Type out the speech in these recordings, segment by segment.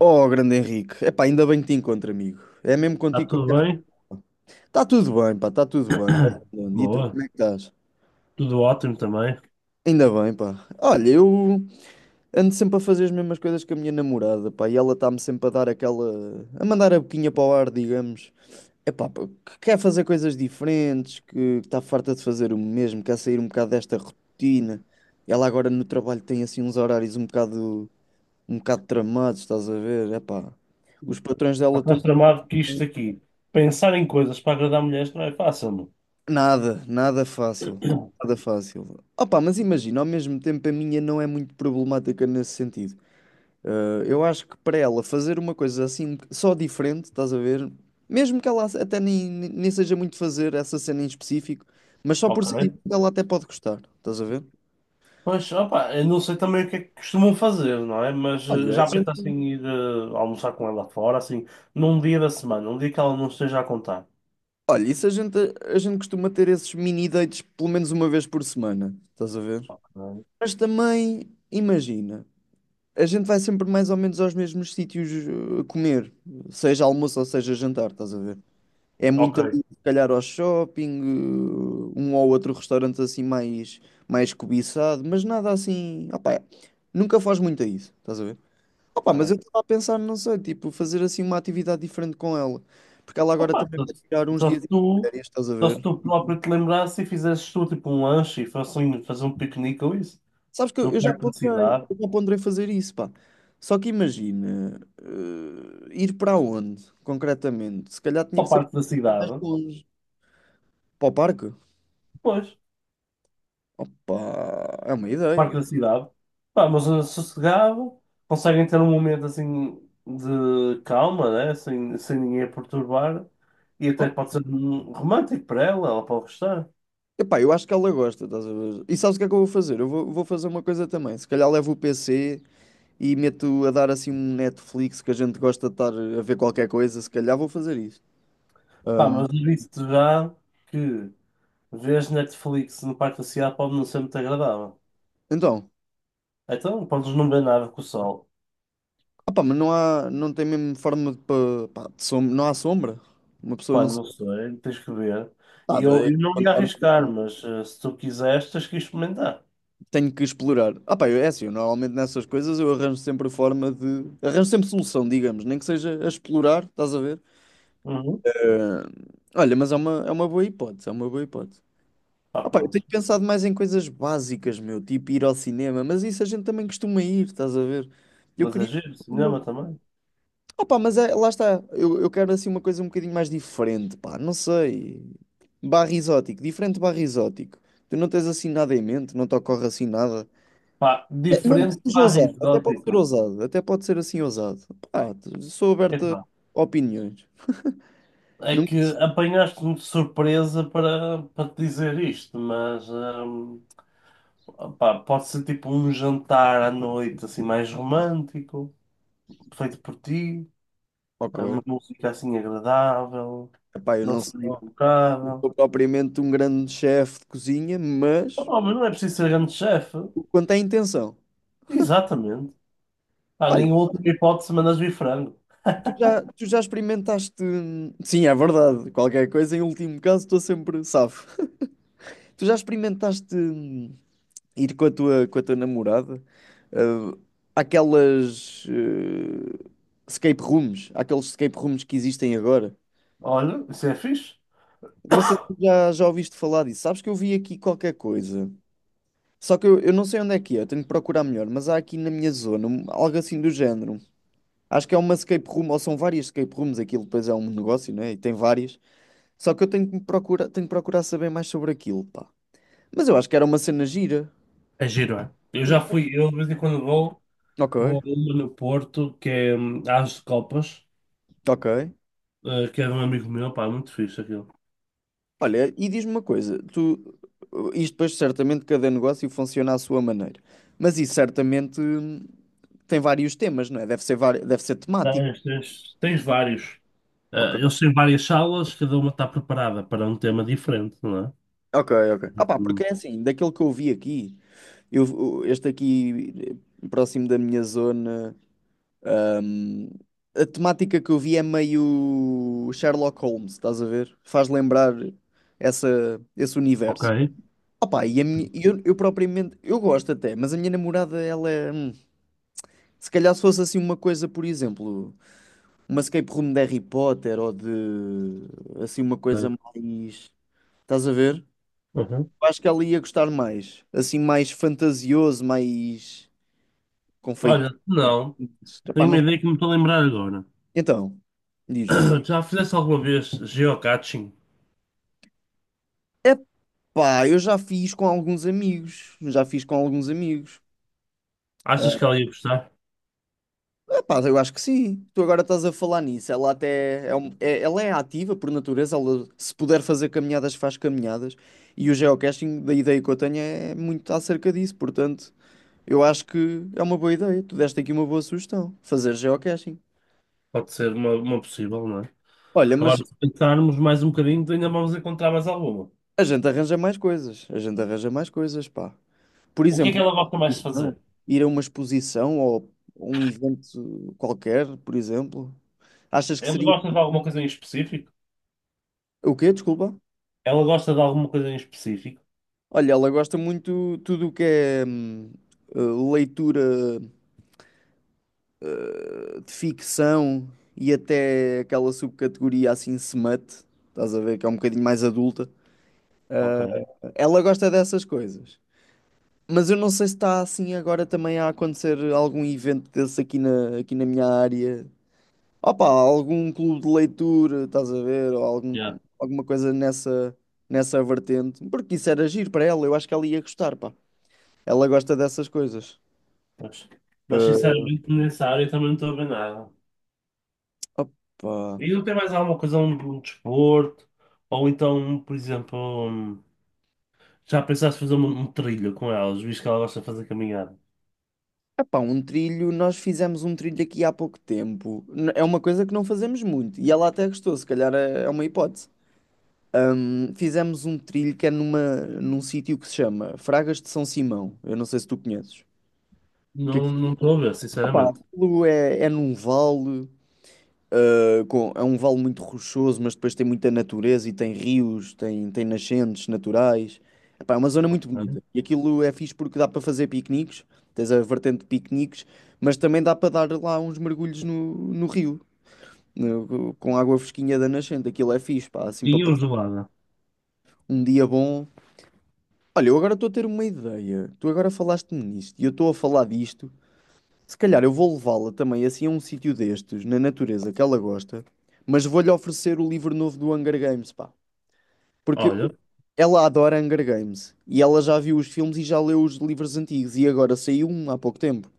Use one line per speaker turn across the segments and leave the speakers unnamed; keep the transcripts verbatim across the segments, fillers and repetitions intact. Oh, grande Henrique. Epá, ainda bem que te encontro, amigo. É mesmo
Está
contigo
tudo
que eu quero falar.
bem?
Está tudo bem, pá, está tudo bem. Tá tudo bem. E tu,
Boa.
como é que estás?
Tudo ótimo também.
Ainda bem, pá. Olha, eu ando sempre a fazer as mesmas coisas que a minha namorada, pá, e ela está-me sempre a dar aquela, a mandar a boquinha para o ar, digamos. É pá, pá, que quer fazer coisas diferentes, que está farta de fazer o mesmo, quer sair um bocado desta rotina. Ela agora no trabalho tem assim uns horários um bocado, um bocado tramados, estás a ver? É pá, os patrões
Já
dela estão
estás tramado que isto aqui. Pensar em coisas para agradar mulheres não é fácil, não?
nada, nada fácil. Nada fácil. Opa, mas imagina, ao mesmo tempo a minha não é muito problemática nesse sentido. Ah, eu acho que para ela fazer uma coisa assim, só diferente, estás a ver? Mesmo que ela até nem, nem seja muito fazer essa cena em específico, mas só por
Ok?
ser diferente ela até pode gostar, estás a ver?
Pois, opa, eu não sei também o que é que costumam fazer, não é? Mas eh,
Olha, a
já pensaste
gente,
em ir eh, almoçar com ela fora, assim, num dia da semana, um dia que ela não esteja a contar.
olha, isso a gente, a gente costuma ter esses mini dates pelo menos uma vez por semana, estás a ver?
Ok,
Mas também, imagina. A gente vai sempre mais ou menos aos mesmos sítios eh, comer, seja almoço ou seja jantar, estás a ver? É
ok.
muito ali, se calhar, ao shopping, eh, um ou outro restaurante assim mais, mais cobiçado, mas nada assim. Opá, nunca faz muito a isso, estás a ver? Opá, mas eu
Ok.
estava a pensar, não sei, tipo, fazer assim uma atividade diferente com ela, porque ela agora
Opa,
também
só,
vai
se
tirar uns
só
dias
se
de
tu,
férias, estás a
só
ver?
se tu
Tipo,
próprio te lembrasse e fizesses tu tipo um lanche e fossem fazer um piquenique ou isso,
sabes que eu
no
eu já
parque da
ponderei,
cidade,
eu já ponderei fazer isso, pá. Só que imagina, eh, ir para onde, concretamente? Se calhar tinha que
ao
ser
parque da
mais
cidade.
longe. Para o parque?
Pois,
Opa, é uma ideia.
parque da cidade. Pá, uma zona sossegada, conseguem ter um momento assim de calma, né? Sem, sem ninguém a perturbar. E até
Op-
pode ser hum, romântico para ela, ela, pode gostar.
Epá, eu acho que ela gosta, estás a ver? E sabes o que é que eu vou fazer? Eu vou, vou fazer uma coisa também. Se calhar levo o P C e meto a dar assim um Netflix que a gente gosta de estar a ver qualquer coisa. Se calhar vou fazer isso.
Pá,
Ahm,
mas eu disse-te já que ver Netflix no parque da cidade pode não ser muito agradável.
então,
Então, podes não ver nada com o sol.
opá, mas não há, não tem mesmo forma de, pa- pá, de som- não há sombra. Uma pessoa
Pá,
não se
não sei, tens que ver. E
nada,
eu,
é
eu não ia
encontrar o
arriscar,
que
mas eh, se tu quiseres, tens que experimentar.
tenho que explorar. Ah, pá, eu- é assim, eu normalmente nessas coisas eu arranjo sempre forma de. Arranjo sempre solução, digamos, nem que seja a explorar, estás a ver?
Uhum.
Eh, olha, mas é uma, é uma boa hipótese, é uma boa hipótese.
Pá,
Ah, pá, eu tenho
pronto.
pensado mais em coisas básicas, meu, tipo ir ao cinema, mas isso a gente também costuma ir, estás a ver? Eu
Mas é
queria
giro,
uma.
cinema também.
Ah, pá, mas é, lá está, eu, eu quero assim uma coisa um bocadinho mais diferente, pá, não sei. Barra exótico, diferente barra exótico. Tu não tens assim nada em mente, não te ocorre assim nada.
Pá,
É, mesmo que
diferente
seja
barra
ousado, até pode ser
exótico.
ousado, até pode ser assim ousado. Pá, sou aberto
Epá,
a opiniões.
é
Nunca...
que apanhaste-me de surpresa para, para te dizer isto, mas hum, pá, pode ser tipo um jantar à noite assim mais romântico, feito por ti,
Ok.
eh, uma música assim agradável,
Epá, eu
não
não
seria
sou, não
impecável.
sou propriamente um grande chefe de cozinha, mas
Oh, mas não é preciso ser grande chefe.
quanto à intenção.
Exatamente. Pá,
Olha,
nem última hipótese mandas vir frango.
tu já, tu já experimentaste. hum, Sim, é verdade. Qualquer coisa, em último caso, estou sempre safo. Tu já experimentaste hum, ir com a tua, com a tua namorada? ah, Aquelas eh, escape rooms, aqueles escape rooms que existem agora.
Olha, isso é fixe.
Não sei se já, já ouviste falar disso. Sabes que eu vi aqui qualquer coisa. Só que eu, eu não sei onde é que é, eu tenho que procurar melhor, mas há aqui na minha zona um- algo assim do género. Acho que é uma escape room, ou são várias escape rooms, aquilo depois é um negócio, né? E tem várias. Só que eu tenho que me procurar, tenho que procurar saber mais sobre aquilo, pá. Mas eu acho que era uma cena gira.
É giro, é? Eu já
Porque-
fui, eu de vez em quando vou.
Ok,
Vou a uma no Porto, que é hum, As de Copas,
ok.
eh, que é de um amigo meu, pá, muito fixe aquilo.
Olha, e diz-me uma coisa, tu, isto depois certamente cada negócio funciona à sua maneira, mas isso certamente hum, tem vários temas, não é? Deve ser, vari- deve ser temático.
Tens, tens, tens vários.
Ok,
Eh, eles têm várias salas, cada uma está preparada para um tema diferente, não é?
ok, ok. Ah pá,
Hum,
porque é assim, daquilo que eu vi aqui, eu, o- este aqui eh, próximo da minha zona, ahm, a temática que eu vi é meio Sherlock Holmes, estás a ver? Faz lembrar essa, esse
Ok,
universo. Ah pá, e a minha, e eu, eu propriamente, eu gosto até, mas a minha namorada, ela é, hum, se calhar se fosse assim uma coisa, por exemplo, uma escape room de Harry Potter ou de, assim, uma coisa
ok.
mais, estás a ver?
Uhum.
Eu acho que ela ia gostar mais. Assim, mais fantasioso, mais confeito.
Olha, não,
Epá,
tenho uma
não-
ideia que me estou a lembrar agora.
Então, diz-me.
Já fizeste alguma vez geocaching?
Epá, eu já fiz com alguns amigos. Já fiz com alguns amigos.
Achas que ela ia gostar?
Ah, epá, eu acho que sim. Tu agora estás a falar nisso. Ela até é, um- é- ela é ativa por natureza. Ela, se puder fazer caminhadas, faz caminhadas. E o geocaching, da ideia que eu tenho, é muito acerca disso. Portanto, eu acho que é uma boa ideia. Tu deste aqui uma boa sugestão. Fazer geocaching.
Pode ser uma, uma, possível, não é?
Olha, mas
Agora, se pensarmos mais um bocadinho, ainda vamos encontrar mais alguma.
a gente arranja mais coisas. A gente arranja mais coisas, pá. Por
O que é que
exemplo,
ela gosta mais de
exposição,
fazer?
ir a uma exposição ou um evento qualquer, por exemplo. Achas que
Ela
seria.
gosta de alguma coisa em específico?
O quê? Desculpa.
Ela gosta de alguma coisa em específico,
Olha, ela gosta muito tudo o que é hum, eh, leitura eh, de ficção e até aquela subcategoria assim smut. Estás a ver que é um bocadinho mais adulta.
ok?
Ela gosta dessas coisas. Mas eu não sei se está assim agora também a acontecer algum evento desse aqui na, aqui na minha área. Opa, algum clube de leitura, estás a ver? Ou algum,
Já,
alguma coisa nessa, nessa vertente. Porque isso era giro para ela, eu acho que ela ia gostar, pá. Ela gosta dessas coisas.
Mas, mas,
Eh,
sinceramente, nessa área eu também não estou a ver nada.
opa.
E não tem mais alguma coisa, um, um desporto? Ou então, por exemplo, um, já pensaste fazer um, um trilho com elas, visto que ela gosta de fazer caminhada?
Epá, um trilho, nós fizemos um trilho aqui há pouco tempo. N- É uma coisa que não fazemos muito. E ela até gostou, se calhar é é uma hipótese. Hum, fizemos um trilho que é numa, num sítio que se chama Fragas de São Simão. Eu não sei se tu conheces. Que
Não,
aquilo,
não estou a ver,
opá,
sinceramente.
aquilo é, é num vale, ah, com, é um vale muito rochoso, mas depois tem muita natureza e tem rios, tem, tem nascentes naturais. Epá, é uma zona
Ok.
muito bonita. E aquilo é fixe porque dá para fazer piqueniques, tens a vertente de piqueniques, mas também dá para dar lá uns mergulhos no, no rio, no- com água fresquinha da nascente. Aquilo é fixe, pá, assim para
Tinha o
passar
gelada.
um dia bom. Olha, eu agora estou a ter uma ideia. Tu agora falaste-me nisto e eu estou a falar disto. Se calhar eu vou levá-la também assim a um sítio destes, na natureza que ela gosta, mas vou-lhe oferecer o livro novo do Hunger Games, pá. Porque
Olha,
ela adora Hunger Games e ela já viu os filmes e já leu os livros antigos e agora saiu um há pouco tempo.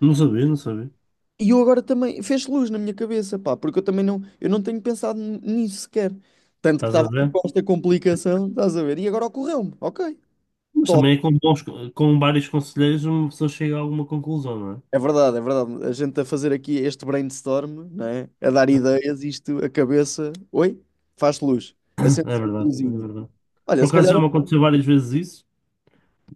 não sabia, não sabia.
E eu agora também fez luz na minha cabeça, pá, porque eu também não, eu não tenho pensado n- nisso sequer. Tanto que
Estás a
estava
ver?
com esta complicação, estás a ver? E agora ocorreu-me, ok,
Mas
top.
também é com bons, com vários conselheiros uma pessoa chega a alguma conclusão, não é?
É verdade, é verdade. A gente a fazer aqui este brainstorm, não é? A dar ideias, isto, a cabeça. Oi? Faz luz. Acende
É
se uma
verdade, é
luzinha.
verdade.
Olha,
Por
se
acaso
calhar.
já me aconteceu várias vezes isso.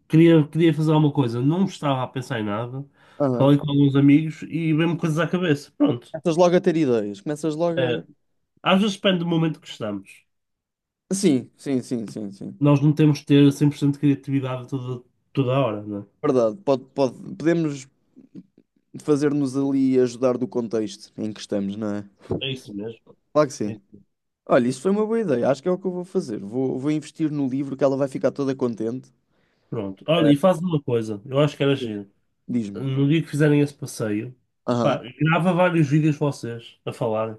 Queria, queria fazer alguma coisa, não estava a pensar em nada.
Aham.
Falei com alguns amigos e veio-me coisas à cabeça. Pronto.
Começas logo a ter ideias. Começas logo
É,
a.
às vezes depende do momento que estamos.
Sim, sim, sim, sim, sim.
Nós não temos de ter cem por cento de criatividade toda, toda a hora, não
Verdade. Pode, pode... Podemos fazer-nos ali ajudar do contexto em que estamos, não é?
é? É isso mesmo.
Claro que
É
sim.
isso mesmo.
Olha, isso foi uma boa ideia. Acho que é o que eu vou fazer. Vou, vou investir no livro que ela vai ficar toda contente.
Pronto. Olha, e faz uma coisa, eu acho que era giro.
Diz-me.
No dia que fizerem esse passeio, pá,
Aham.
grava vários vídeos vocês a falar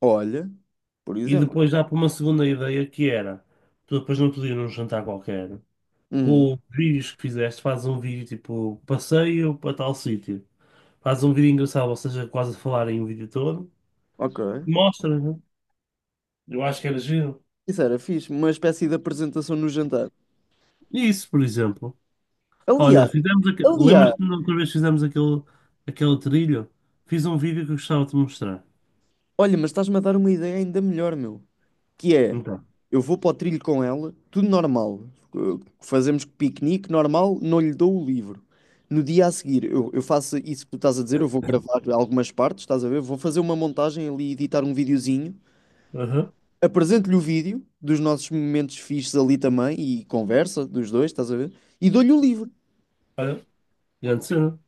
Olha, por
e
exemplo.
depois dá para uma segunda ideia que era. Tu depois não podias num jantar qualquer.
Uhum.
Com os vídeos que fizeste, fazes um vídeo tipo passeio para tal sítio, fazes um vídeo engraçado, ou seja, quase a falar em um vídeo todo,
Ok.
mostra, né? Eu acho que era giro.
Isso era fixe, uma espécie de apresentação no jantar.
Isso, por exemplo. Olha,
Aliás,
fizemos aquele.
aliás,
Lembras-te da outra vez que fizemos aquele, aquele, trilho? Fiz um vídeo que eu gostava de te mostrar.
olha, mas estás-me a dar uma ideia ainda melhor, meu. Que é,
Então.
eu vou para o trilho com ela, tudo normal. Uh, Fazemos piquenique normal, não lhe dou o livro. No dia a seguir, eu, eu faço isso que tu estás a dizer, eu vou gravar algumas partes, estás a ver? Vou fazer uma montagem ali, editar um videozinho.
Aham.
Apresento-lhe o vídeo dos nossos momentos fixes ali também e conversa dos dois, estás a ver? E dou-lhe o livro.
Olha, grande cena.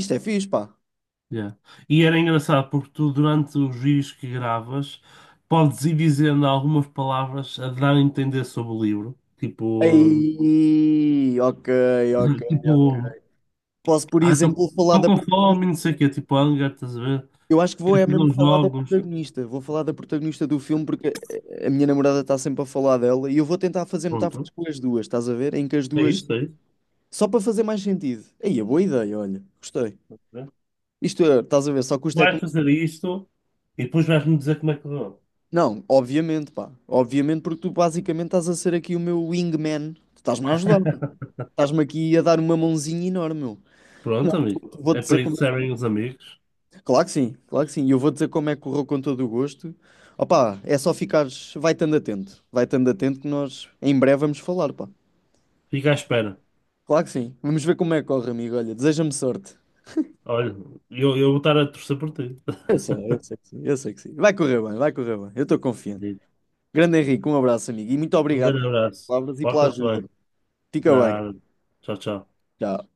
Isto é fixe, pá.
Yeah. E era engraçado porque tu, durante os vídeos que gravas, podes ir dizendo algumas palavras a dar a entender sobre o livro. Tipo, hum,
Aí, ok, ok, ok.
tipo,
Posso, por
Ah, estou
exemplo, falar da
com fome,
protagonista.
não sei o quê, tipo hunger, estás a ver?
Eu acho que vou
Quero
é
fazer
mesmo
uns
falar da
jogos.
protagonista. Vou falar da protagonista do filme porque a a minha namorada está sempre a falar dela e eu vou tentar fazer metáforas
Pronto.
com as duas, estás a ver? Em que as
É
duas.
isso, é isso.
Só para fazer mais sentido. Aí, é boa ideia, olha. Gostei.
Né?
Isto é, estás a ver? Só custa é
Vais
como.
fazer isto e depois vais-me dizer como é que correu.
Não, obviamente, pá. Obviamente, porque tu basicamente estás a ser aqui o meu wingman. Tu estás-me a ajudar, pá. Estás-me aqui a dar uma mãozinha enorme, meu. Não,
Pronto, amigo.
vou- vou-te
É
dizer
para isso
como.
que servem os amigos.
Claro que sim, claro que sim. E eu vou dizer como é que correu com todo o gosto. Opa, é só ficares, vai estando atento, vai estando atento que nós em breve vamos falar, pá.
Fica à espera.
Claro que sim. Vamos ver como é que corre, amigo. Olha, deseja-me sorte.
Olha, eu, eu vou estar a torcer por ti.
Eu sei, eu sei que sim, eu sei que sim. Vai correr bem, vai correr bem. Eu estou confiante. Grande Henrique, um abraço, amigo. E muito
Um
obrigado
grande
pelas
abraço.
palavras e pela
Porta-te
ajuda.
bem.
Fica bem.
Nada. Tchau, tchau.
Tchau.